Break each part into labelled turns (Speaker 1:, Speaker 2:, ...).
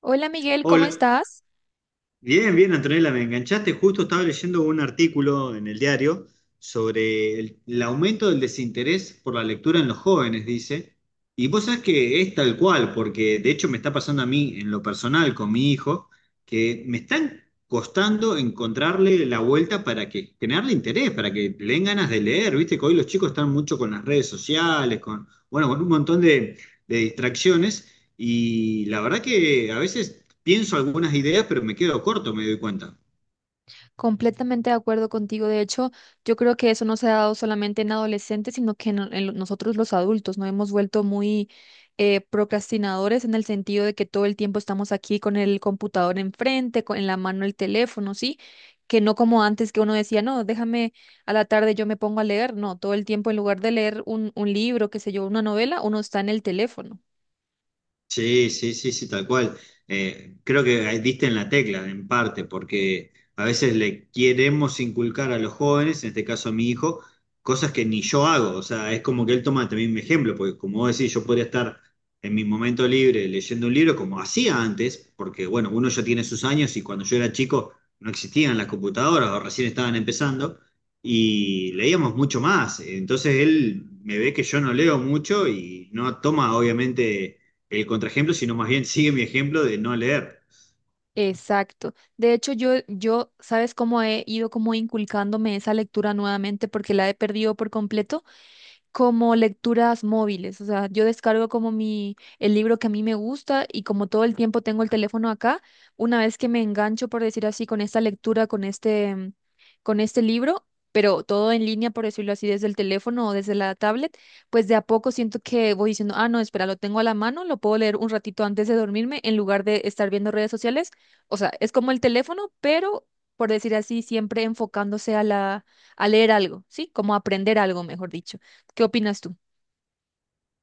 Speaker 1: Hola Miguel, ¿cómo
Speaker 2: Hola,
Speaker 1: estás?
Speaker 2: bien, bien, Antonella, me enganchaste. Justo estaba leyendo un artículo en el diario sobre el aumento del desinterés por la lectura en los jóvenes, dice. Y vos sabés que es tal cual, porque de hecho me está pasando a mí en lo personal con mi hijo, que me están costando encontrarle la vuelta para que generarle interés, para que le den ganas de leer. Viste que hoy los chicos están mucho con las redes sociales, con, bueno, con un montón de distracciones. Y la verdad que a veces pienso algunas ideas, pero me quedo corto, me doy cuenta.
Speaker 1: Completamente de acuerdo contigo. De hecho, yo creo que eso no se ha dado solamente en adolescentes, sino que nosotros los adultos nos hemos vuelto muy procrastinadores, en el sentido de que todo el tiempo estamos aquí con el computador enfrente, con, en la mano el teléfono, ¿sí? Que no como antes, que uno decía, no, déjame a la tarde yo me pongo a leer. No, todo el tiempo, en lugar de leer un libro, qué sé yo, una novela, uno está en el teléfono.
Speaker 2: Sí, sí, sí, sí, tal cual. Creo que ahí diste en la tecla, en parte, porque a veces le queremos inculcar a los jóvenes, en este caso a mi hijo, cosas que ni yo hago. O sea, es como que él toma también mi ejemplo, porque como vos decís, yo podría estar en mi momento libre leyendo un libro como hacía antes, porque bueno, uno ya tiene sus años y cuando yo era chico no existían las computadoras o recién estaban empezando y leíamos mucho más. Entonces él me ve que yo no leo mucho y no toma, obviamente, el contraejemplo, sino más bien sigue mi ejemplo de no leer.
Speaker 1: Exacto. De hecho, yo, ¿sabes cómo he ido como inculcándome esa lectura nuevamente? Porque la he perdido por completo, como lecturas móviles. O sea, yo descargo como el libro que a mí me gusta, y como todo el tiempo tengo el teléfono acá, una vez que me engancho, por decir así, con esta lectura, con con este libro, pero todo en línea, por decirlo así, desde el teléfono o desde la tablet, pues de a poco siento que voy diciendo, ah, no, espera, lo tengo a la mano, lo puedo leer un ratito antes de dormirme en lugar de estar viendo redes sociales. O sea, es como el teléfono, pero, por decir así, siempre enfocándose a a leer algo, ¿sí? Como aprender algo, mejor dicho. ¿Qué opinas tú?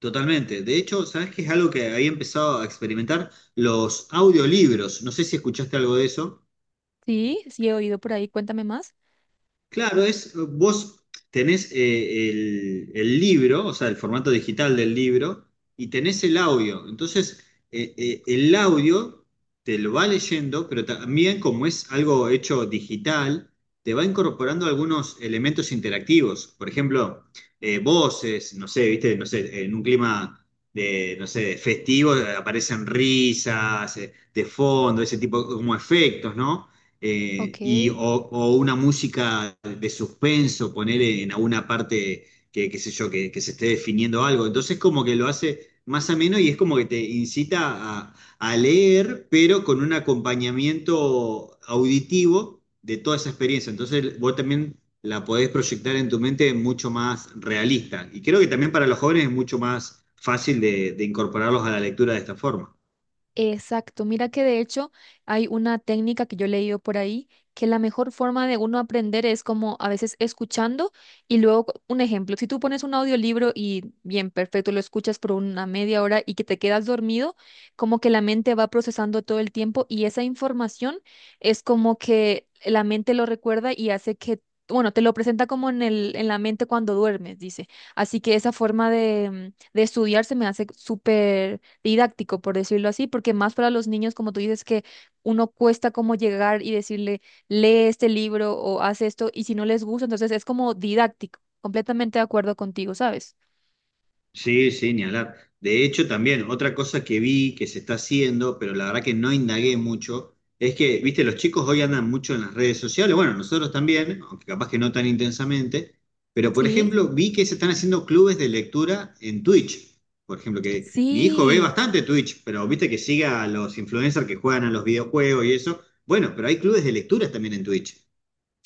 Speaker 2: Totalmente. De hecho, ¿sabes qué es algo que había empezado a experimentar? Los audiolibros. No sé si escuchaste algo de eso.
Speaker 1: Sí, sí he oído por ahí, cuéntame más.
Speaker 2: Claro, es, vos tenés el libro, o sea, el formato digital del libro, y tenés el audio. Entonces, el audio te lo va leyendo, pero también como es algo hecho digital, te va incorporando algunos elementos interactivos. Por ejemplo, voces, no sé, viste, no sé, en un clima de, no sé, de festivo, aparecen risas, de fondo, ese tipo como efectos, ¿no? eh,
Speaker 1: Ok.
Speaker 2: y, o, o una música de suspenso, poner en alguna parte qué sé yo, que se esté definiendo algo. Entonces como que lo hace más ameno y es como que te incita a, a leer, pero con un acompañamiento auditivo de toda esa experiencia. Entonces vos también la podés proyectar en tu mente mucho más realista. Y creo que también para los jóvenes es mucho más fácil de incorporarlos a la lectura de esta forma.
Speaker 1: Exacto, mira que de hecho hay una técnica que yo he leído por ahí, que la mejor forma de uno aprender es, como a veces, escuchando, y luego un ejemplo, si tú pones un audiolibro y bien, perfecto, lo escuchas por una media hora y que te quedas dormido, como que la mente va procesando todo el tiempo, y esa información es como que la mente lo recuerda y hace que, bueno, te lo presenta como en en la mente cuando duermes, dice. Así que esa forma de, de estudiar, se me hace súper didáctico, por decirlo así, porque más para los niños, como tú dices, que uno cuesta como llegar y decirle, lee este libro o haz esto, y si no les gusta. Entonces es como didáctico, completamente de acuerdo contigo, ¿sabes?
Speaker 2: Sí, sí, ni hablar. De hecho, también otra cosa que vi que se está haciendo, pero la verdad que no indagué mucho, es que, viste, los chicos hoy andan mucho en las redes sociales, bueno, nosotros también, aunque capaz que no tan intensamente, pero por
Speaker 1: Sí,
Speaker 2: ejemplo, vi que se están haciendo clubes de lectura en Twitch. Por ejemplo, que mi hijo ve
Speaker 1: sí.
Speaker 2: bastante Twitch, pero viste que sigue a los influencers que juegan a los videojuegos y eso. Bueno, pero hay clubes de lectura también en Twitch.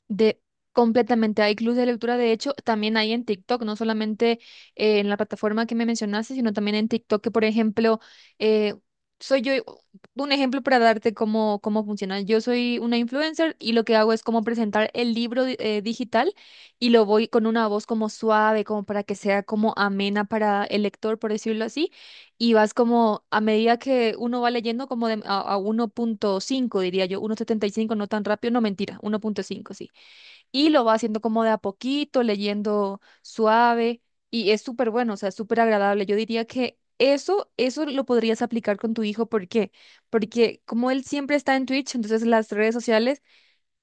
Speaker 1: De completamente, hay clubes de lectura, de hecho, también hay en TikTok, no solamente en la plataforma que me mencionaste, sino también en TikTok, que por ejemplo, eh, soy yo, un ejemplo para darte cómo, cómo funciona. Yo soy una influencer y lo que hago es como presentar el libro digital, y lo voy con una voz como suave, como para que sea como amena para el lector, por decirlo así, y vas como a medida que uno va leyendo como de, a 1,5, diría yo, 1,75 no tan rápido, no mentira, 1,5 sí, y lo va haciendo como de a poquito, leyendo suave, y es súper bueno, o sea, súper agradable. Yo diría que eso lo podrías aplicar con tu hijo. ¿Por qué? Porque como él siempre está en Twitch, entonces las redes sociales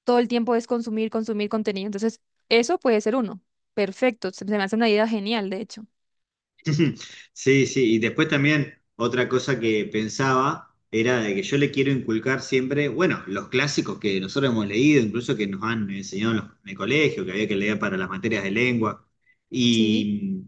Speaker 1: todo el tiempo es consumir, consumir contenido. Entonces, eso puede ser uno. Perfecto, se me hace una idea genial, de hecho.
Speaker 2: Sí, sí, y después también otra cosa que pensaba era de que yo le quiero inculcar siempre, bueno, los clásicos que nosotros hemos leído, incluso que nos han enseñado en, en el colegio, que había que leer para las materias de lengua.
Speaker 1: Sí,
Speaker 2: Y,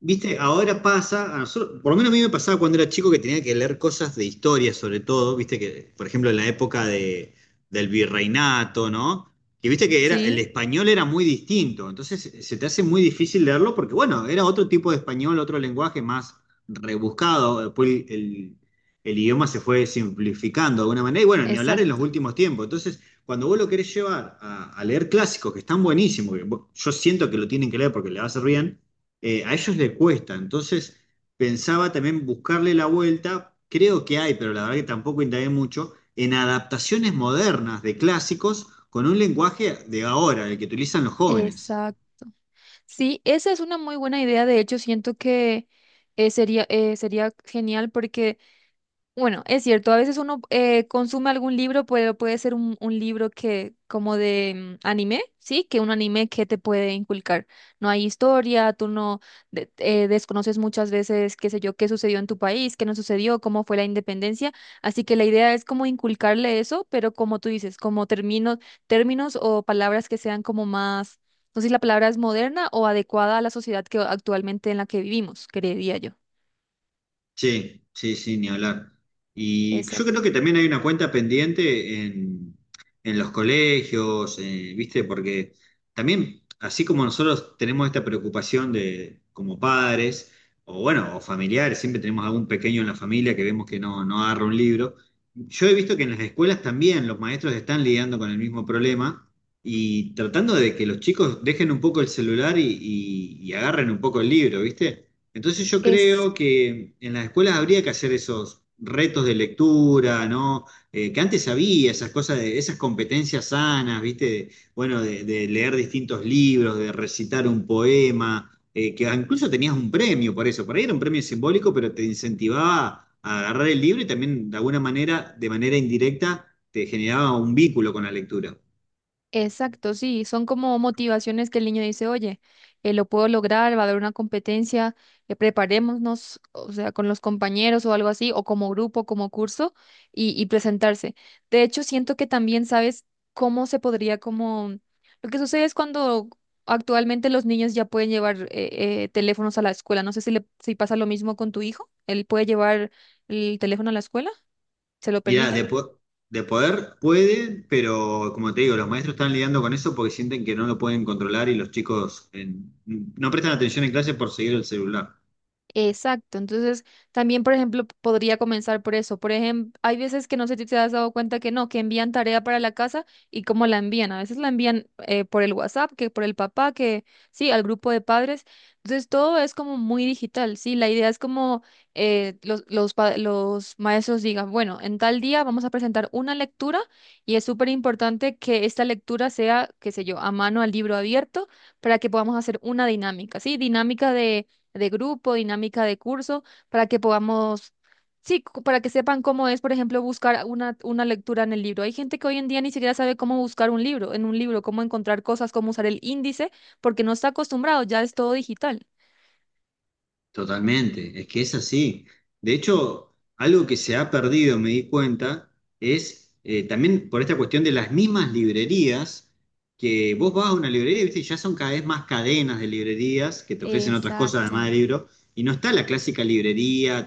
Speaker 2: viste, ahora pasa, a nosotros, por lo menos a mí me pasaba cuando era chico que tenía que leer cosas de historia sobre todo, viste, que por ejemplo en la época de, del virreinato, ¿no? Que viste que era, el
Speaker 1: sí,
Speaker 2: español era muy distinto, entonces se te hace muy difícil leerlo porque, bueno, era otro tipo de español, otro lenguaje más rebuscado, después el idioma se fue simplificando de alguna manera, y bueno, ni hablar en los
Speaker 1: exacto,
Speaker 2: últimos tiempos, entonces cuando vos lo querés llevar a leer clásicos que están buenísimos, yo siento que lo tienen que leer porque le va a hacer bien, a ellos les cuesta, entonces pensaba también buscarle la vuelta, creo que hay, pero la verdad que tampoco indagué mucho, en adaptaciones modernas de clásicos con un lenguaje de ahora, el que utilizan los jóvenes.
Speaker 1: exacto. Sí, esa es una muy buena idea. De hecho, siento que sería genial, porque bueno, es cierto, a veces uno consume algún libro, pero puede ser un libro que, como de anime, ¿sí? Que un anime que te puede inculcar. No hay historia, tú no desconoces muchas veces, qué sé yo, qué sucedió en tu país, qué no sucedió, cómo fue la independencia. Así que la idea es como inculcarle eso, pero como tú dices, como términos o palabras que sean como más, no sé si la palabra es moderna o adecuada a la sociedad que actualmente en la que vivimos, creería yo.
Speaker 2: Sí, sí, sí, ni hablar. Y yo
Speaker 1: Exacto.
Speaker 2: creo que también hay una cuenta pendiente en los colegios, ¿viste? Porque también, así como nosotros tenemos esta preocupación de, como padres, o bueno, o familiares, siempre tenemos algún pequeño en la familia que vemos que no, no agarra un libro. Yo he visto que en las escuelas también los maestros están lidiando con el mismo problema y tratando de que los chicos dejen un poco el celular y agarren un poco el libro, ¿viste? Entonces yo creo que en las escuelas habría que hacer esos retos de lectura, ¿no? Que antes había esas cosas, de, esas competencias sanas, ¿viste? De, bueno, de leer distintos libros, de recitar un poema, que incluso tenías un premio por eso. Por ahí era un premio simbólico, pero te incentivaba a agarrar el libro y también de alguna manera, de manera indirecta, te generaba un vínculo con la lectura.
Speaker 1: Exacto, sí, son como motivaciones que el niño dice, oye, lo puedo lograr, va a haber una competencia, preparémonos, o sea, con los compañeros o algo así, o como grupo, como curso, y presentarse. De hecho, siento que también sabes cómo se podría como... Lo que sucede es, cuando actualmente los niños ya pueden llevar teléfonos a la escuela. No sé si, si pasa lo mismo con tu hijo, él puede llevar el teléfono a la escuela, ¿se lo
Speaker 2: Mirá,
Speaker 1: permiten?
Speaker 2: de, de poder puede, pero como te digo, los maestros están lidiando con eso porque sienten que no lo pueden controlar y los chicos no prestan atención en clase por seguir el celular.
Speaker 1: Exacto, entonces también, por ejemplo, podría comenzar por eso. Por ejemplo, hay veces que no sé si te has dado cuenta que no, que envían tarea para la casa y cómo la envían. A veces la envían por el WhatsApp, que por el papá, que sí, al grupo de padres. Entonces todo es como muy digital, sí. La idea es como los maestros digan, bueno, en tal día vamos a presentar una lectura, y es súper importante que esta lectura sea, qué sé yo, a mano, al libro abierto, para que podamos hacer una dinámica, sí, dinámica de grupo, dinámica de curso, para que podamos, sí, para que sepan cómo es, por ejemplo, buscar una lectura en el libro. Hay gente que hoy en día ni siquiera sabe cómo buscar un libro, en un libro, cómo encontrar cosas, cómo usar el índice, porque no está acostumbrado, ya es todo digital.
Speaker 2: Totalmente, es que es así. De hecho, algo que se ha perdido, me di cuenta, es también por esta cuestión de las mismas librerías, que vos vas a una librería, ¿viste? Y ya son cada vez más cadenas de librerías que te ofrecen otras cosas
Speaker 1: Exacto.
Speaker 2: además de libros, y no está la clásica librería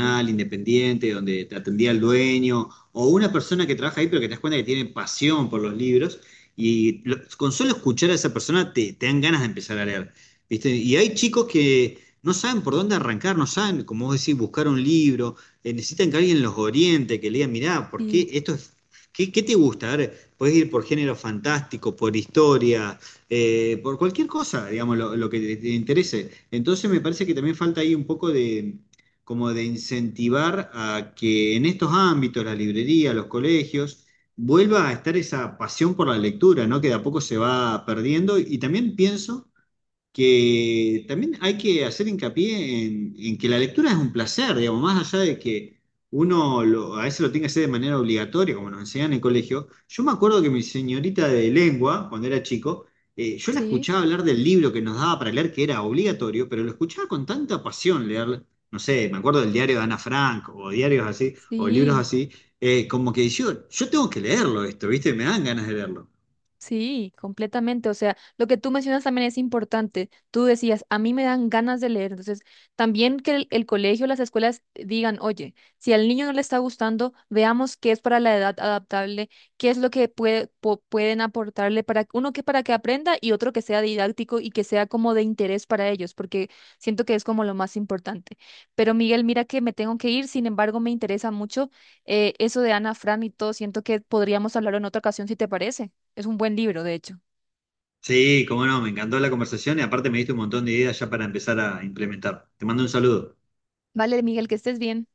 Speaker 1: Sí,
Speaker 2: independiente, donde te atendía el dueño, o una persona que trabaja ahí, pero que te das cuenta que tiene pasión por los libros, y con solo escuchar a esa persona te, te dan ganas de empezar a leer. ¿Viste? Y hay chicos que no saben por dónde arrancar, no saben, como vos decís, buscar un libro, necesitan que alguien los oriente, que le diga mirá, ¿por
Speaker 1: sí,
Speaker 2: qué esto es... ¿Qué, qué te gusta? A ver, podés ir por género fantástico, por historia, por cualquier cosa, digamos, lo que te interese. Entonces me parece que también falta ahí un poco de, como de incentivar a que en estos ámbitos, la librería, los colegios, vuelva a estar esa pasión por la lectura, ¿no? Que de a poco se va perdiendo. Y también pienso que también hay que hacer hincapié en que la lectura es un placer, digamos, más allá de que a veces lo tenga que hacer de manera obligatoria, como nos enseñan en el colegio. Yo me acuerdo que mi señorita de lengua, cuando era chico, yo la
Speaker 1: sí.
Speaker 2: escuchaba hablar del libro que nos daba para leer, que era obligatorio, pero lo escuchaba con tanta pasión leer, no sé, me acuerdo del diario de Ana Frank, o diarios así, o libros
Speaker 1: Sí.
Speaker 2: así, como que yo tengo que leerlo esto, ¿viste? Me dan ganas de leerlo.
Speaker 1: Sí, completamente. O sea, lo que tú mencionas también es importante. Tú decías, a mí me dan ganas de leer. Entonces, también que el colegio, las escuelas digan, oye, si al niño no le está gustando, veamos qué es para la edad adaptable, qué es lo que puede, pueden aportarle, para uno que para que aprenda y otro que sea didáctico y que sea como de interés para ellos, porque siento que es como lo más importante. Pero Miguel, mira que me tengo que ir. Sin embargo, me interesa mucho eso de Ana Fran y todo. Siento que podríamos hablar en otra ocasión, si te parece. Es un buen libro, de hecho.
Speaker 2: Sí, cómo no, me encantó la conversación y aparte me diste un montón de ideas ya para empezar a implementar. Te mando un saludo.
Speaker 1: Vale, Miguel, que estés bien.